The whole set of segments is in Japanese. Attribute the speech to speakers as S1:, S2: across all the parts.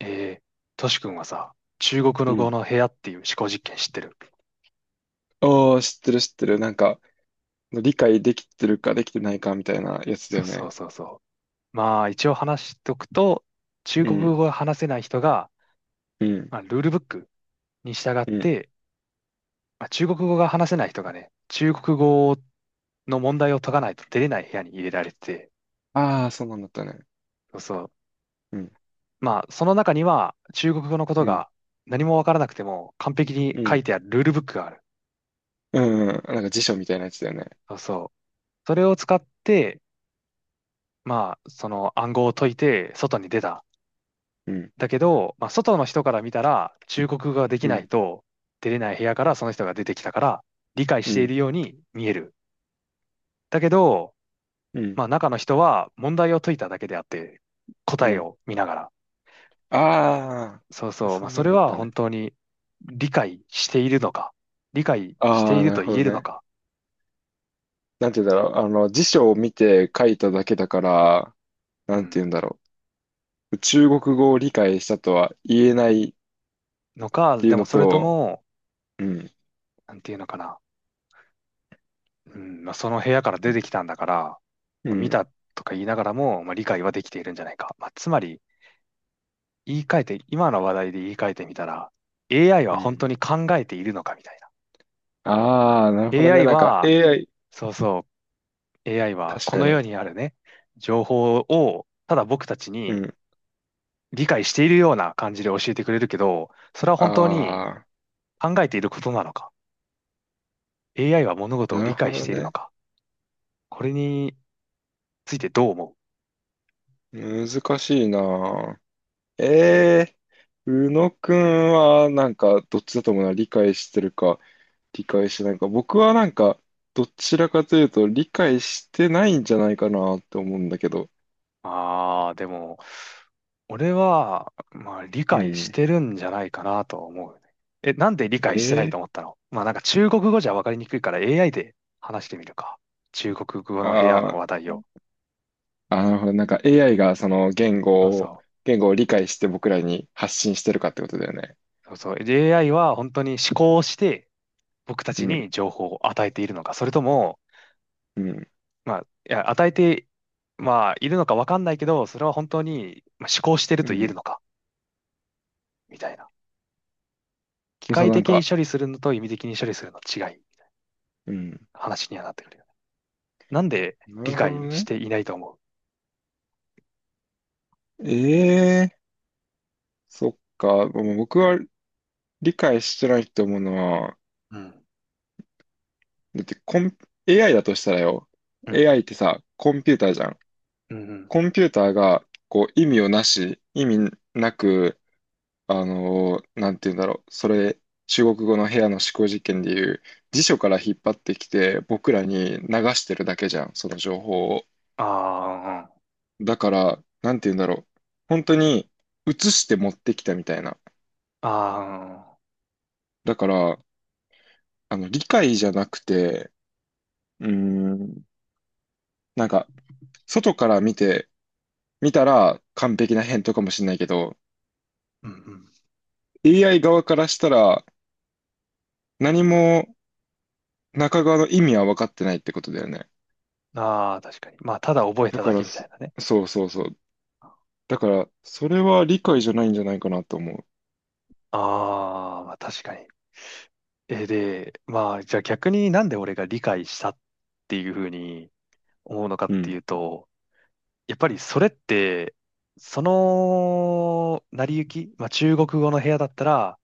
S1: えー、トシ君はさ、中国
S2: う
S1: の語
S2: ん。
S1: の部屋っていう思考実験知ってる？
S2: おー、知ってる知ってる。なんか、理解できてるかできてないかみたいなやつだ
S1: そう
S2: よ
S1: そう
S2: ね。
S1: そうそう。まあ一応話しとくと、中
S2: う
S1: 国語
S2: ん、
S1: が話せない人が、
S2: うん、
S1: まあ、ルールブックに従っ
S2: うん。
S1: て、まあ、中国語が話せない人がね、中国語の問題を解かないと出れない部屋に入れられてて、
S2: ああ、そうなんだったね。
S1: そうそう。
S2: うん、
S1: まあその中には中国語のこと
S2: うん、
S1: が何もわからなくても完璧に
S2: う
S1: 書い
S2: ん、
S1: てあるルールブックがある。
S2: うん、うん。なんか辞書みたいなやつだよね。
S1: そうそう。それを使って、まあその暗号を解いて外に出た。
S2: うん、
S1: だけど、まあ、外の人から見たら、中国語ができ
S2: う
S1: ない
S2: ん、
S1: と出れない部屋からその人が出てきたから、理解
S2: う
S1: してい
S2: ん、
S1: るように見える。だけど、
S2: うん、
S1: まあ、中の人は問題を解いただけであって、
S2: う
S1: 答え
S2: ん。
S1: を見ながら。
S2: あ
S1: そう
S2: あ、
S1: そう。ま
S2: そ
S1: あ、
S2: ん
S1: そ
S2: なん
S1: れ
S2: だっ
S1: は
S2: たね。
S1: 本当に理解しているのか、理解して
S2: あ
S1: い
S2: あ、
S1: る
S2: なる
S1: と
S2: ほ
S1: 言
S2: ど
S1: えるの
S2: ね。
S1: か、
S2: なんて言うんだろう。あの、辞書を見て書いただけだから、
S1: う
S2: なんて
S1: ん。
S2: 言うんだろう。中国語を理解したとは言えないっ
S1: のか、
S2: ていう
S1: でも
S2: の
S1: それと
S2: と、
S1: も、
S2: うん、
S1: なんていうのかな。うん、まあ、その部屋から出てきたんだから、
S2: う
S1: まあ見
S2: ん、
S1: たとか言いながらも、まあ、理解はできているんじゃないか。まあ、つまり、言い換えて、今の話題で言い換えてみたら、AI は
S2: う
S1: 本当
S2: ん。
S1: に考えているのかみたいな。
S2: ああ、なるほどね。
S1: AI
S2: なんか
S1: は、
S2: AI、
S1: そうそう、AI は
S2: 確
S1: こ
S2: か
S1: の
S2: に。
S1: 世にあるね、情報をただ僕たち
S2: う
S1: に
S2: ん。
S1: 理解しているような感じで教えてくれるけど、それは本当に
S2: ああ、
S1: 考えていることなのか？ AI は物事を
S2: な
S1: 理
S2: るほ
S1: 解し
S2: ど
S1: ているの
S2: ね。
S1: か、これについてどう思う？
S2: 難しいな。ええー宇野くんは、なんか、どっちだと思うな。理解してるか、理解してないか。僕はなんか、どちらかというと、理解してないんじゃないかなって思うんだけど。
S1: ああ、でも、俺は、まあ、理
S2: う
S1: 解し
S2: ん。
S1: てるんじゃないかなと思うね。え、なんで理解し
S2: え
S1: てないと思っ
S2: ー
S1: たの？まあ、なんか中国語じゃ分かりにくいから AI で話してみるか。中国語
S2: あ
S1: の部屋
S2: あ
S1: の
S2: ー、
S1: 話題を。
S2: あ、なるほど。なんか AI がその言
S1: そう
S2: 語を、
S1: そ
S2: 理解して僕らに発信してるかってことだよね。
S1: う。そうそう。で AI は本当に思考して、僕た
S2: う
S1: ち
S2: ん、
S1: に情報を与えているのか。それとも、
S2: うん、
S1: まあ、いや、与えて、まあ、いるのか分かんないけど、それは本当にまあ思考してる
S2: う
S1: と言える
S2: ん。
S1: のか。みたいな。機
S2: そう、
S1: 械
S2: なん
S1: 的に
S2: か、
S1: 処理するのと意味的に処理するの違い。
S2: うん。
S1: 話にはなってくるよね。なんで
S2: な
S1: 理
S2: るほど
S1: 解し
S2: ね。
S1: ていないと思
S2: ええ、そっか。もう僕は理解してないと思うのは、
S1: うん？
S2: だってAI だとしたらよ。
S1: うんうん。
S2: AI ってさ、コンピューターじゃん。
S1: うんうん。
S2: コンピューターが、こう、意味なく、なんて言うんだろう。それ、中国語の部屋の思考実験でいう、辞書から引っ張ってきて、僕らに流してるだけじゃん。その情報を。
S1: あ
S2: だから、なんて言うんだろう。本当に、映して持ってきたみたいな。
S1: あ、ああ、
S2: だから、あの、理解じゃなくて、うーん、なんか、外から見て、見たら完璧な返答かもしれないけど、
S1: うんうん。
S2: AI 側からしたら、何も中側の意味は分かってないってことだよね。
S1: ああ、確かに。まあ、ただ覚え
S2: だ
S1: た
S2: か
S1: だけ
S2: ら、
S1: みたいなね。
S2: そうそうそう。だから、それは理解じゃないんじゃないかなと思
S1: ああ、まあ確かに。え、で、まあ、じゃあ逆になんで俺が理解したっていうふうに思うのかっ
S2: う。う
S1: てい
S2: ん。
S1: うと、やっぱりそれって、その成り行き、まあ中国語の部屋だったら、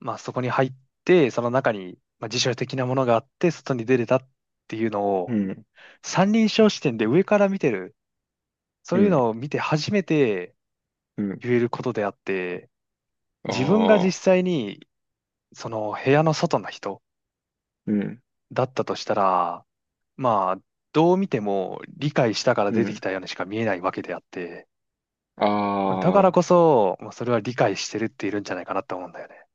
S1: まあそこに入って、その中に、まあ、辞書的なものがあって、外に出れたっていうの
S2: う
S1: を、
S2: ん。
S1: 三人称視点で上から見てる、そ
S2: う
S1: ういう
S2: ん。
S1: のを見て初めて
S2: うん。
S1: 言えることであって、
S2: あ
S1: 自分が実
S2: あ。
S1: 際にその部屋の外の人
S2: うん。
S1: だったとしたら、まあ、どう見ても理解したから
S2: う
S1: 出てき
S2: ん。
S1: たようにしか見えないわけであって、
S2: あ
S1: だからこそ、まあ、それは理解してるっているんじゃないかなと思うんだよね。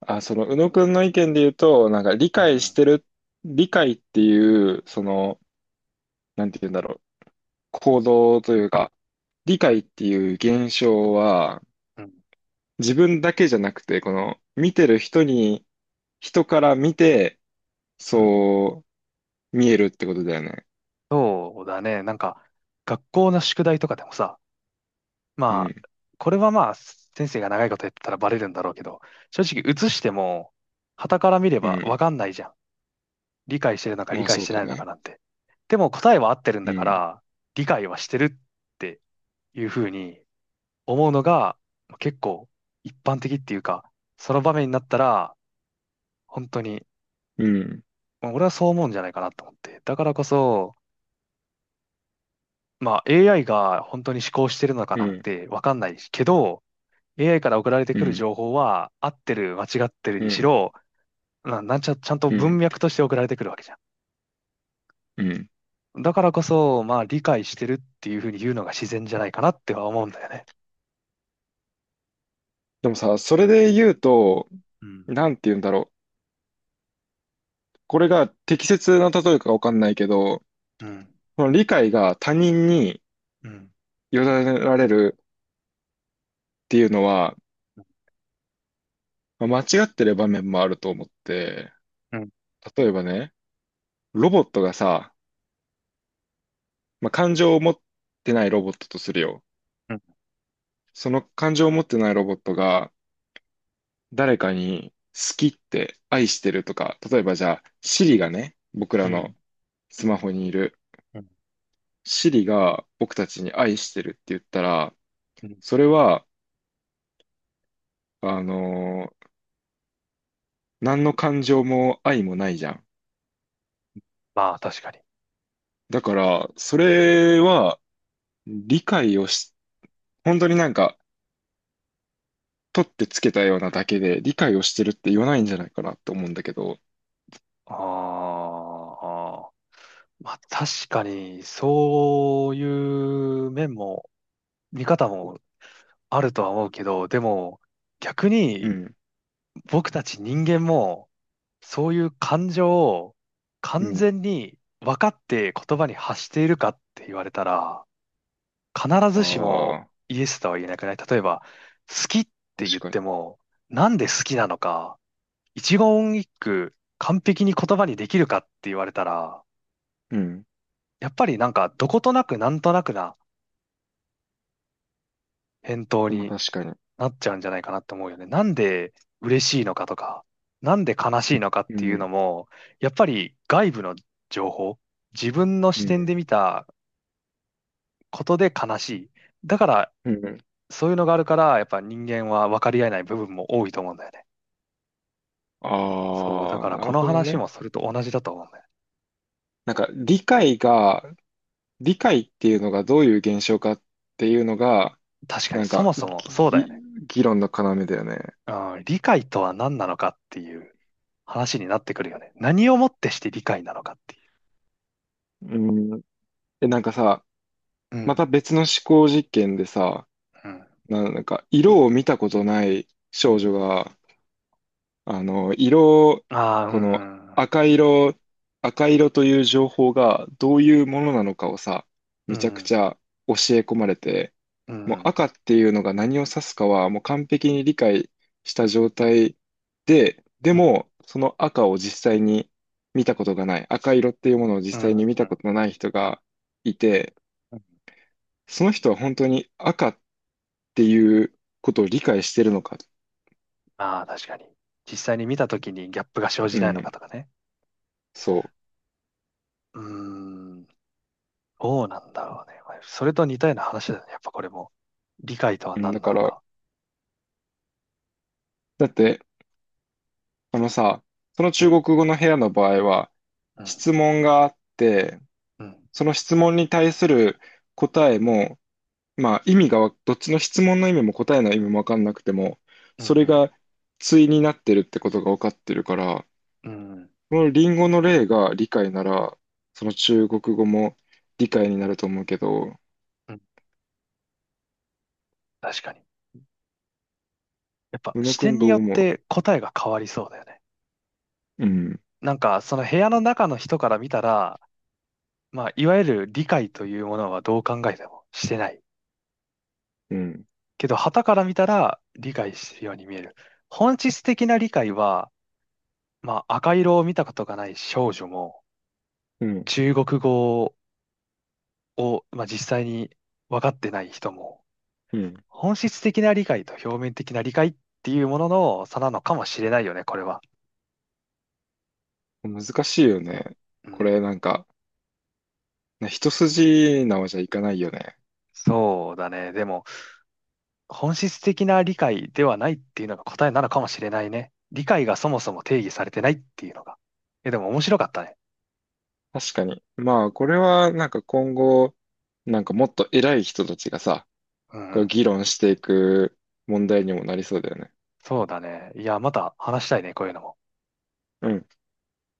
S2: あ。あ、その、宇野くんの意見で言うと、なんか
S1: うん
S2: 理解っていう、その、なんて言うんだろう、行動というか、理解っていう現象は、
S1: うん、
S2: 自分だけじゃなくて、この、見てる人に、人から見て、
S1: うん、うん。
S2: そう見えるってことだよね。
S1: そうだね。なんか、学校の宿題とかでもさ、
S2: う
S1: ま
S2: ん、
S1: あ、これはまあ、先生が長いことやってたらバレるんだろうけど、正直映しても、傍から見れ
S2: う
S1: ばわ
S2: ん。
S1: かんないじゃん。理解してるのか理
S2: まあ
S1: 解
S2: そ
S1: し
S2: う
S1: て
S2: だ
S1: ないのか
S2: ね。
S1: なんて。でも答えは合ってるん
S2: う
S1: だか
S2: ん、
S1: ら、理解はしてるっていうふうに思うのが、結構一般的っていうか、その場面になったら、本当に、
S2: うん、
S1: まあ俺はそう思うんじゃないかなと思って。だからこそ、まあ AI が本当に思考してるのか
S2: う
S1: なん
S2: ん、
S1: てわかんないけど、AI から送られて
S2: う
S1: くる
S2: ん、
S1: 情報は、合ってる、間違ってる
S2: う
S1: にし
S2: ん、
S1: ろ、な、なんちゃ、ちゃんと
S2: う
S1: 文
S2: ん、
S1: 脈として送られてくるわけじゃ
S2: うん。
S1: ん。だからこそ、まあ、理解してるっていうふうに言うのが自然じゃないかなっては思うんだよね。
S2: でもさ、それで言うと、
S1: うん。
S2: なんて言うんだろう。これが適切な例えかわかんないけど、
S1: うん。
S2: この理解が他人に
S1: うん。
S2: 委ねられるっていうのは、まあ間違ってる場面もあると思って、
S1: うん。
S2: 例えばね、ロボットがさ、まあ、感情を持ってないロボットとするよ。
S1: うん。
S2: その感情を持ってないロボットが誰かに好きって愛してるとか、例えばじゃあ、Siri がね、僕
S1: う
S2: ら
S1: ん。
S2: のスマホにいる、
S1: うん
S2: Siri が僕たちに愛してるって言ったら、
S1: うん、
S2: それは、あのー何の感情も愛もないじゃん。
S1: まあ、確かに。
S2: だから、それは理解をし、本当になんか、取ってつけたようなだけで理解をしてるって言わないんじゃないかなって思うんだけど。
S1: ああ。まあ、確かに、そういう面も、見方もあるとは思うけど、でも、逆
S2: う
S1: に
S2: ん。
S1: 僕たち人間も、そういう感情を
S2: う
S1: 完
S2: ん。
S1: 全に分かって言葉に発しているかって言われたら、必
S2: あ
S1: ずしも
S2: あ、
S1: イエスとは言えなくない？例えば、好きって
S2: 確
S1: 言っ
S2: かに。
S1: ても、なんで好きなのか、一言一句完璧に言葉にできるかって言われたら、
S2: うん。
S1: やっぱりなんかどことなくなんとなくな返答
S2: まあ
S1: に
S2: 確かに。
S1: なっちゃうんじゃないかなと思うよね。なんで嬉しいのかとか、なんで悲しいのかっ
S2: う
S1: ていうの
S2: ん。
S1: も、やっぱり外部の情報、自分の
S2: う
S1: 視点
S2: ん。
S1: で見たことで悲しい。だから、
S2: うん。
S1: そういうのがあるから、やっぱ人間は分かり合えない部分も多いと思うんだよね。そう、だ
S2: あ
S1: か
S2: あ、
S1: ら
S2: な
S1: こ
S2: る
S1: の
S2: ほど
S1: 話
S2: ね。
S1: もそれと同じだと思うんだよね。
S2: なんか理解っていうのがどういう現象かっていうのが、
S1: 確かに
S2: なん
S1: そ
S2: か
S1: もそもそうだよ
S2: ぎ
S1: ね。
S2: 議論の要だよね。
S1: うん、理解とは何なのかっていう話になってくるよね。何をもってして理解なのかってい
S2: うん。なんかさ、
S1: う。う
S2: また
S1: ん、
S2: 別の思考実験でさ、
S1: うん。
S2: なんか色を見たことない少女が、あの、
S1: ああ、う
S2: この
S1: ん、うん、
S2: 赤色、赤色という情報がどういうものなのかをさ、
S1: う
S2: めちゃく
S1: ん、
S2: ちゃ教え込まれて、
S1: う
S2: もう
S1: ん。
S2: 赤っていうのが何を指すかはもう完璧に理解した状態で、で
S1: うん。
S2: もその赤を実際に見たことがない、赤色っていうものを
S1: う
S2: 実際
S1: ん。うん、
S2: に見たことのない人がいて、その人は本当に赤っていうことを理解してるのか。
S1: ああ、確かに。実際に見たときにギャップが生じ
S2: う
S1: ないのか
S2: ん、
S1: とかね。
S2: そ
S1: うーん。どうなんだろうね。まあそれと似たような話だよね。やっぱこれも。理解とは
S2: う。うん、だ
S1: 何な
S2: か
S1: の
S2: ら、
S1: か。
S2: だって、そのさ、その
S1: う
S2: 中国
S1: ん。
S2: 語の部屋の場合は、
S1: うん。
S2: 質問があって、
S1: うん。
S2: その質問に対する答えも、まあ意味がわ、どっちの質問の意味も答えの意味もわかんなくても、
S1: うん。う
S2: それ
S1: ん。
S2: が対になってるってことがわかってるから、
S1: うん
S2: このリンゴの例が理解なら、その中国語も理解になると思うけど、
S1: うん、確かに。やっぱ
S2: 宇野
S1: 視
S2: く
S1: 点
S2: ん
S1: に
S2: どう
S1: よっ
S2: 思う？
S1: て答えが変わりそうだよね。
S2: うん、
S1: なんか、その部屋の中の人から見たら、まあ、いわゆる理解というものはどう考えてもしてない。
S2: うん、
S1: けど、傍から見たら理解してるように見える。本質的な理解は、まあ、赤色を見たことがない少女も、
S2: うん、
S1: 中国語を、まあ、実際に分かってない人も、
S2: うん。
S1: 本質的な理解と表面的な理解っていうものの差なのかもしれないよね、これは。
S2: 難しいよね。
S1: う
S2: こ
S1: ん。
S2: れなんか、ね、一筋縄じゃいかないよね。
S1: そうだね。でも、本質的な理解ではないっていうのが答えなのかもしれないね。理解がそもそも定義されてないっていうのが。え、でも面白かったね。
S2: 確かに。まあ、これはなんか今後、なんかもっと偉い人たちがさ、
S1: うん
S2: こ
S1: う
S2: う
S1: ん。
S2: 議論していく問題にもなりそうだよね。
S1: そうだね。いや、また話したいね、こういうのも。
S2: うん。